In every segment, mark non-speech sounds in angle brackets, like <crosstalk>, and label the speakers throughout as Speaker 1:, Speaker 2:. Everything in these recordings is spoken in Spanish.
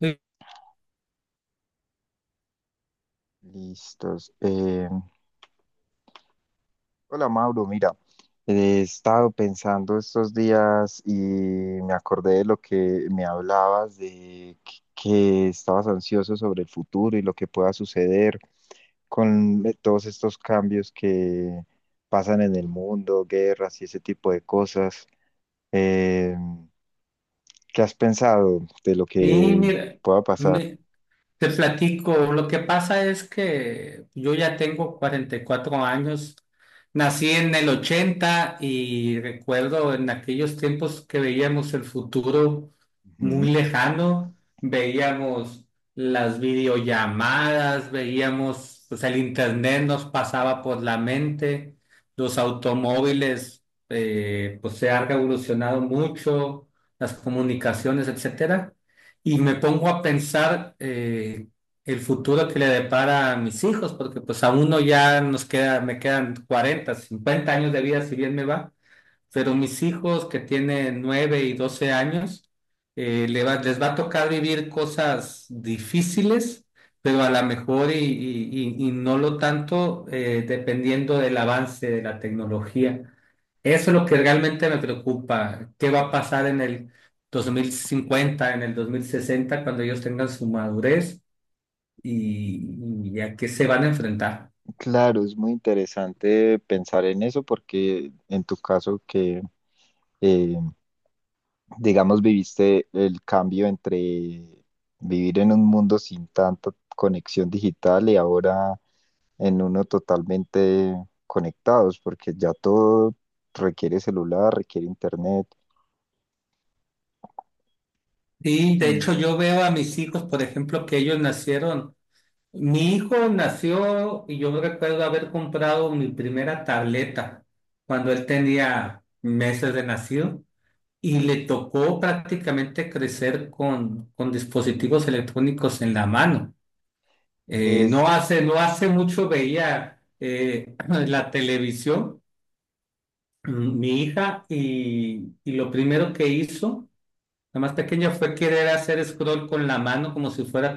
Speaker 1: Sí,
Speaker 2: Listos. Hola Mauro, mira, he estado pensando estos días y me acordé de lo que me hablabas, de que estabas ansioso sobre el futuro y lo que pueda suceder con todos estos cambios que pasan en el mundo, guerras y ese tipo de cosas. Eh, ¿Qué has pensado de lo que
Speaker 1: mira,
Speaker 2: pueda pasar?
Speaker 1: me- te platico. Lo que pasa es que yo ya tengo 44 años, nací en el 80 y recuerdo en aquellos tiempos que veíamos el futuro muy
Speaker 2: Ujú.
Speaker 1: lejano. Veíamos las videollamadas, veíamos, pues el internet nos pasaba por la mente, los automóviles, pues se han revolucionado mucho, las comunicaciones, etcétera. Y me pongo a pensar el futuro que le depara a mis hijos, porque pues a uno ya nos queda, me quedan 40 50 años de vida, si bien me va, pero mis hijos que tienen 9 y 12 años. Les va a tocar vivir cosas difíciles, pero a lo mejor y no lo tanto, dependiendo del avance de la tecnología. Eso es lo que realmente me preocupa. ¿Qué va a pasar en el 2050, en el 2060, cuando ellos tengan su madurez y, y a qué se van a enfrentar?
Speaker 2: Claro, es muy interesante pensar en eso porque en tu caso que eh, digamos, viviste el cambio entre vivir en un mundo sin tanta conexión digital y ahora en uno totalmente conectados, porque ya todo requiere celular, requiere internet.
Speaker 1: Y de
Speaker 2: Mm.
Speaker 1: hecho yo veo a mis hijos, por ejemplo, que ellos nacieron. Mi hijo nació y yo recuerdo haber comprado mi primera tableta cuando él tenía meses de nacido, y le tocó prácticamente crecer con dispositivos electrónicos en la mano.
Speaker 2: Es,
Speaker 1: No hace mucho veía, <clears throat> la televisión, mi hija, y lo primero que hizo, la más pequeña, fue querer hacer scroll con la mano como si fuera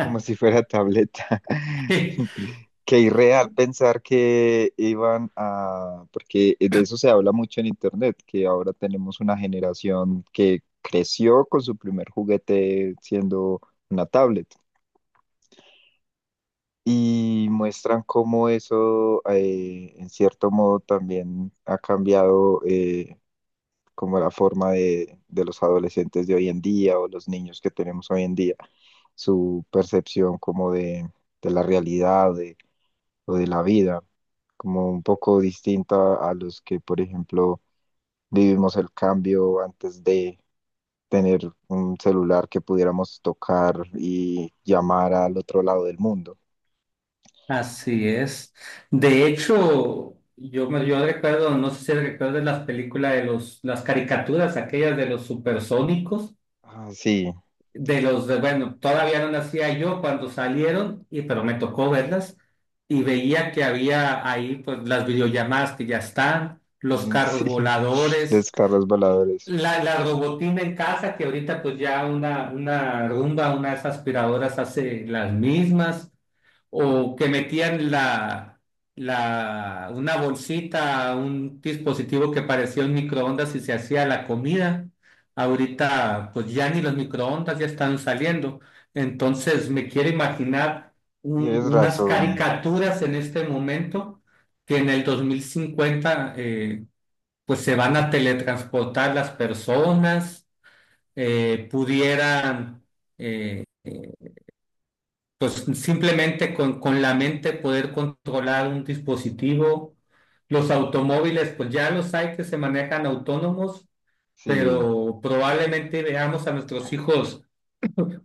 Speaker 2: como si fuera tableta.
Speaker 1: <laughs>
Speaker 2: <laughs> Qué irreal pensar que iban a, porque de eso se habla mucho en internet, que ahora tenemos una generación que creció con su primer juguete siendo una tablet. Y muestran cómo eso, en cierto modo, también ha cambiado. Como la forma de los adolescentes de hoy en día o los niños que tenemos hoy en día, su percepción como de la o de la vida, como un poco distinta a los que, por ejemplo, vivimos el cambio antes de tener un celular que pudiéramos tocar y llamar al otro lado del mundo.
Speaker 1: Así es. De hecho, yo recuerdo, no sé si recuerdas las películas de las caricaturas, aquellas de los supersónicos,
Speaker 2: Ah, sí,
Speaker 1: de los de, bueno, todavía no nacía yo cuando salieron, y pero me tocó verlas, y veía que había ahí, pues, las videollamadas que ya están, los
Speaker 2: <laughs>
Speaker 1: carros
Speaker 2: sí, los
Speaker 1: voladores,
Speaker 2: carros voladores.
Speaker 1: la robotina en casa, que ahorita pues ya una Rumba, unas aspiradoras hace las mismas, o que metían una bolsita, un dispositivo que parecía un microondas y se hacía la comida. Ahorita, pues ya ni los microondas ya están saliendo. Entonces, me quiero imaginar
Speaker 2: Tienes
Speaker 1: unas
Speaker 2: razón,
Speaker 1: caricaturas en este momento, que en el 2050, pues se van a teletransportar las personas, pudieran. eh, pues simplemente con la mente poder controlar un dispositivo. Los automóviles, pues ya los hay que se manejan autónomos,
Speaker 2: sí.
Speaker 1: pero probablemente veamos a nuestros hijos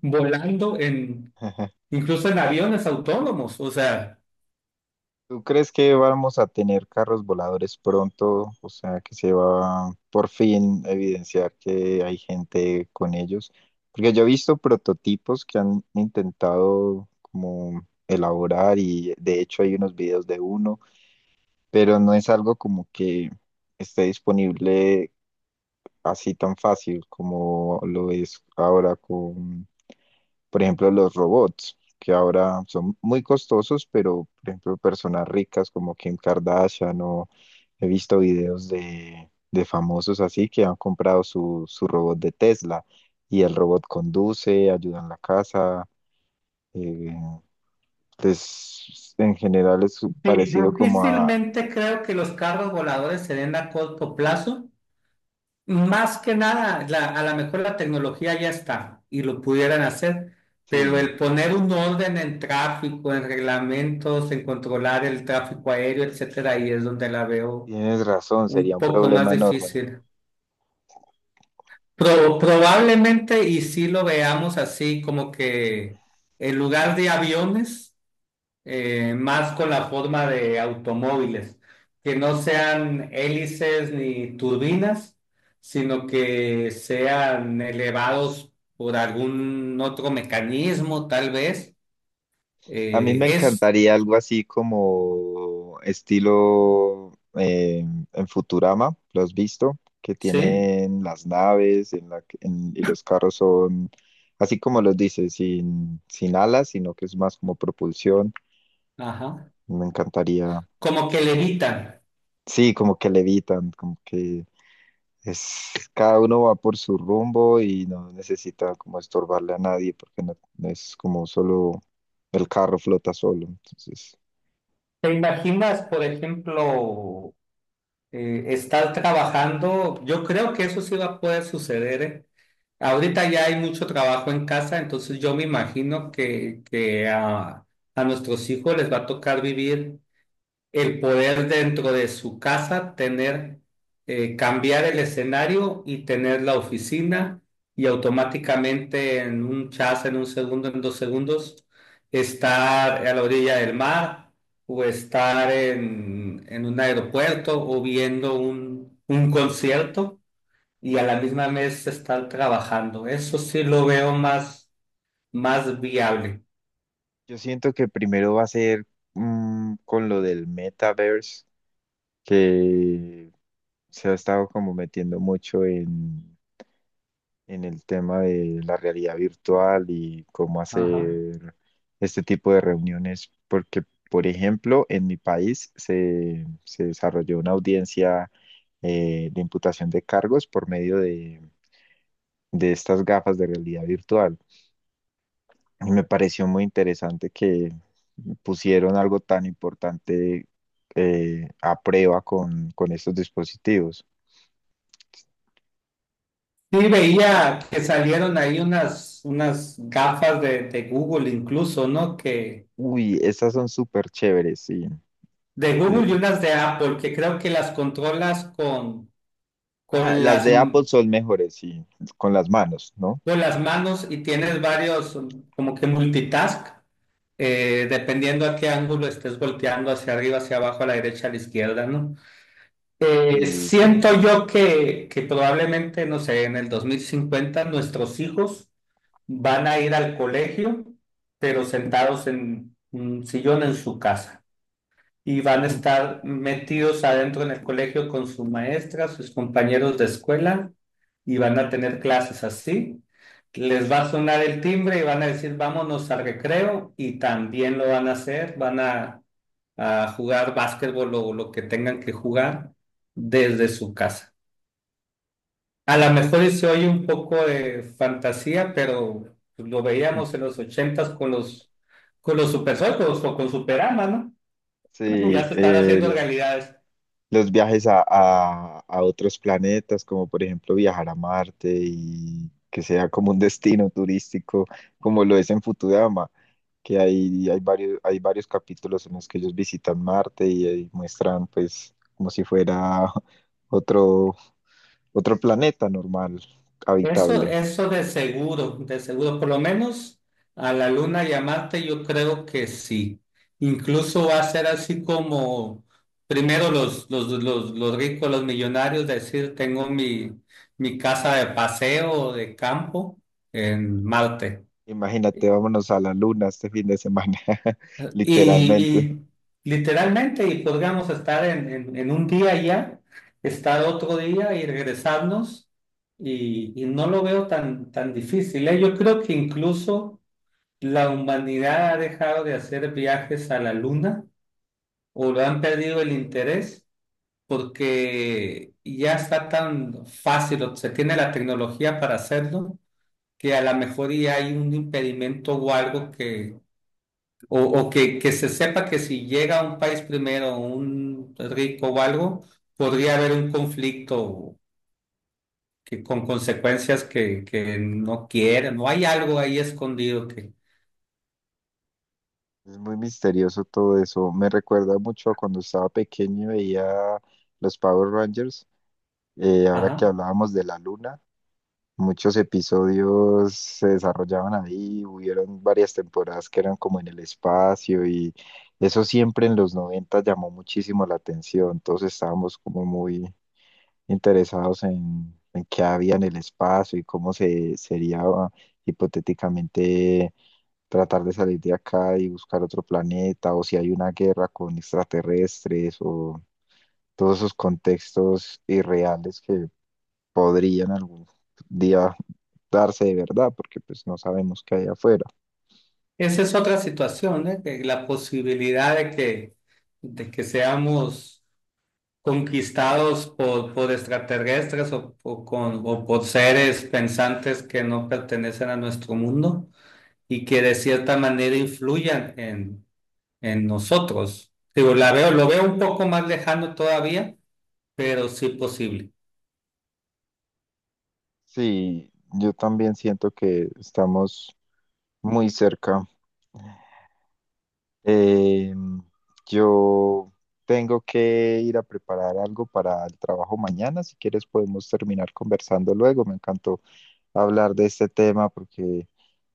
Speaker 1: volando
Speaker 2: <laughs>
Speaker 1: incluso en aviones autónomos. O sea,
Speaker 2: ¿Tú crees que vamos a tener carros voladores pronto? O sea, que se va por fin a evidenciar que hay gente con ellos. Porque yo he visto prototipos que han intentado como elaborar, y de hecho hay unos videos de uno, pero no es algo como que esté disponible así tan fácil como lo es ahora, por ejemplo, los robots, que ahora son muy costosos, pero por ejemplo, personas ricas como Kim Kardashian, o he visto videos de famosos así que han comprado su robot de Tesla y el robot conduce, ayuda en la casa. eh, pues en general es parecido como a...
Speaker 1: difícilmente creo que los carros voladores se den a corto plazo. Más que nada, a lo mejor la tecnología ya está y lo pudieran hacer, pero
Speaker 2: Sí,
Speaker 1: el poner un orden en tráfico, en reglamentos, en controlar el tráfico aéreo, etcétera, ahí es donde la veo
Speaker 2: tienes razón, sería
Speaker 1: un
Speaker 2: un
Speaker 1: poco más
Speaker 2: problema enorme.
Speaker 1: difícil. Probablemente, y si lo veamos así, como que en lugar de aviones, más con la forma de automóviles, que no sean hélices ni turbinas, sino que sean elevados por algún otro mecanismo, tal vez.
Speaker 2: A mí
Speaker 1: Eh,
Speaker 2: me
Speaker 1: es,
Speaker 2: encantaría algo así como estilo en Futurama, ¿lo has visto? Que
Speaker 1: sí,
Speaker 2: tienen las naves en y los carros son, así como los dices, sin alas, sino que es más como propulsión.
Speaker 1: ajá,
Speaker 2: Me encantaría,
Speaker 1: como que levitan.
Speaker 2: sí, como que levitan, como que es, cada uno va por su rumbo y no necesita como estorbarle a nadie porque no es como solo el carro flota solo. Entonces.
Speaker 1: ¿Te imaginas, por ejemplo, estar trabajando? Yo creo que eso sí va a poder suceder, ¿eh? Ahorita ya hay mucho trabajo en casa, entonces yo me imagino que a nuestros hijos les va a tocar vivir el poder dentro de su casa, tener, cambiar el escenario y tener la oficina y automáticamente en un chas, en un segundo, en dos segundos, estar a la orilla del mar, o estar en un aeropuerto, o viendo un concierto y a la misma vez estar trabajando. Eso sí lo veo más, más viable.
Speaker 2: Yo siento que primero va a ser mm, con lo del metaverse, que se ha estado como metiendo mucho en el tema de la realidad virtual y cómo
Speaker 1: Ajá.
Speaker 2: hacer este tipo de reuniones, porque, por ejemplo, en mi país se desarrolló una audiencia de imputación de cargos por medio de estas gafas de realidad virtual. Y me pareció muy interesante que pusieron algo tan importante a prueba con estos dispositivos.
Speaker 1: Sí, veía que salieron ahí unas gafas de Google incluso, ¿no? Que
Speaker 2: Uy, estas son súper chéveres, sí.
Speaker 1: de Google
Speaker 2: Eh,
Speaker 1: y unas de Apple, que creo que las controlas
Speaker 2: ah,
Speaker 1: con
Speaker 2: las
Speaker 1: las,
Speaker 2: de Apple son mejores, sí, con las manos, ¿no?
Speaker 1: con las manos y tienes varios, como que multitask, dependiendo a qué ángulo estés volteando, hacia arriba, hacia abajo, a la derecha, a la izquierda, ¿no?
Speaker 2: Sí, sí.
Speaker 1: Siento yo que probablemente, no sé, en el 2050 nuestros hijos van a ir al colegio, pero sentados en un sillón en su casa, y van a
Speaker 2: <laughs>
Speaker 1: estar metidos adentro en el colegio con su maestra, sus compañeros de escuela, y van a tener clases así. Les va a sonar el timbre y van a decir vámonos al recreo y también lo van a hacer. Van a jugar básquetbol o lo que tengan que jugar desde su casa. A lo mejor y se oye un poco de fantasía, pero lo veíamos en los ochentas con con los supersónicos o con Superama, ¿no?
Speaker 2: Sí,
Speaker 1: Ya se están haciendo realidades.
Speaker 2: los viajes a otros planetas, como por ejemplo viajar a Marte y que sea como un destino <laughs> turístico, como lo es en Futurama, que hay varios capítulos en los que ellos visitan Marte y, ahí muestran pues como si fuera <laughs> otro, otro planeta normal,
Speaker 1: Eso,
Speaker 2: habitable.
Speaker 1: eso de seguro, por lo menos a la luna y a Marte, yo creo que sí. Incluso va a ser así como primero los ricos, los millonarios, decir, tengo mi casa de paseo o de campo en Marte.
Speaker 2: Imagínate, vámonos a la luna este fin de semana, <laughs>
Speaker 1: Y,
Speaker 2: literalmente.
Speaker 1: y literalmente, y podríamos estar en un día allá, estar otro día y regresarnos, y no lo veo tan, tan difícil, ¿eh? Yo creo que incluso la humanidad ha dejado de hacer viajes a la luna, o lo han perdido el interés porque ya está tan fácil, o se tiene la tecnología para hacerlo, que a lo mejor ya hay un impedimento o algo que o que, se sepa que si llega a un país primero, un rico o algo, podría haber un conflicto que, con consecuencias que no quieren, o hay algo ahí escondido que.
Speaker 2: Es muy misterioso todo eso. Me recuerda mucho a cuando estaba pequeño y veía los Power Rangers. Ahora que
Speaker 1: Ajá.
Speaker 2: hablábamos de la luna, muchos episodios se desarrollaban ahí. Hubieron varias temporadas que eran como en el espacio, y eso siempre en los 90 llamó muchísimo la atención. Todos estábamos como muy interesados en qué había en el espacio y cómo se sería hipotéticamente tratar de salir de acá y buscar otro planeta, o si hay una guerra con extraterrestres, o todos esos contextos irreales que podrían algún día darse de verdad, porque pues no sabemos qué hay afuera.
Speaker 1: Esa es otra situación, ¿eh? Que la posibilidad de que seamos conquistados por extraterrestres o por seres pensantes que no pertenecen a nuestro mundo, y que de cierta manera influyan en nosotros. Digo, la veo, lo veo un poco más lejano todavía, pero sí posible.
Speaker 2: Sí, yo también siento que estamos muy cerca. Eh, yo tengo que ir a preparar algo para el trabajo mañana. Si quieres, podemos terminar conversando luego. Me encantó hablar de este tema porque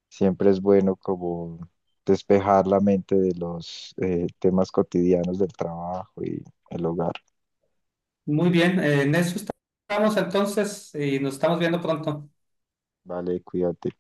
Speaker 2: siempre es bueno como despejar la mente de los temas cotidianos del trabajo y el hogar.
Speaker 1: Muy bien, en eso estamos entonces, y nos estamos viendo pronto.
Speaker 2: Vale, cuídate.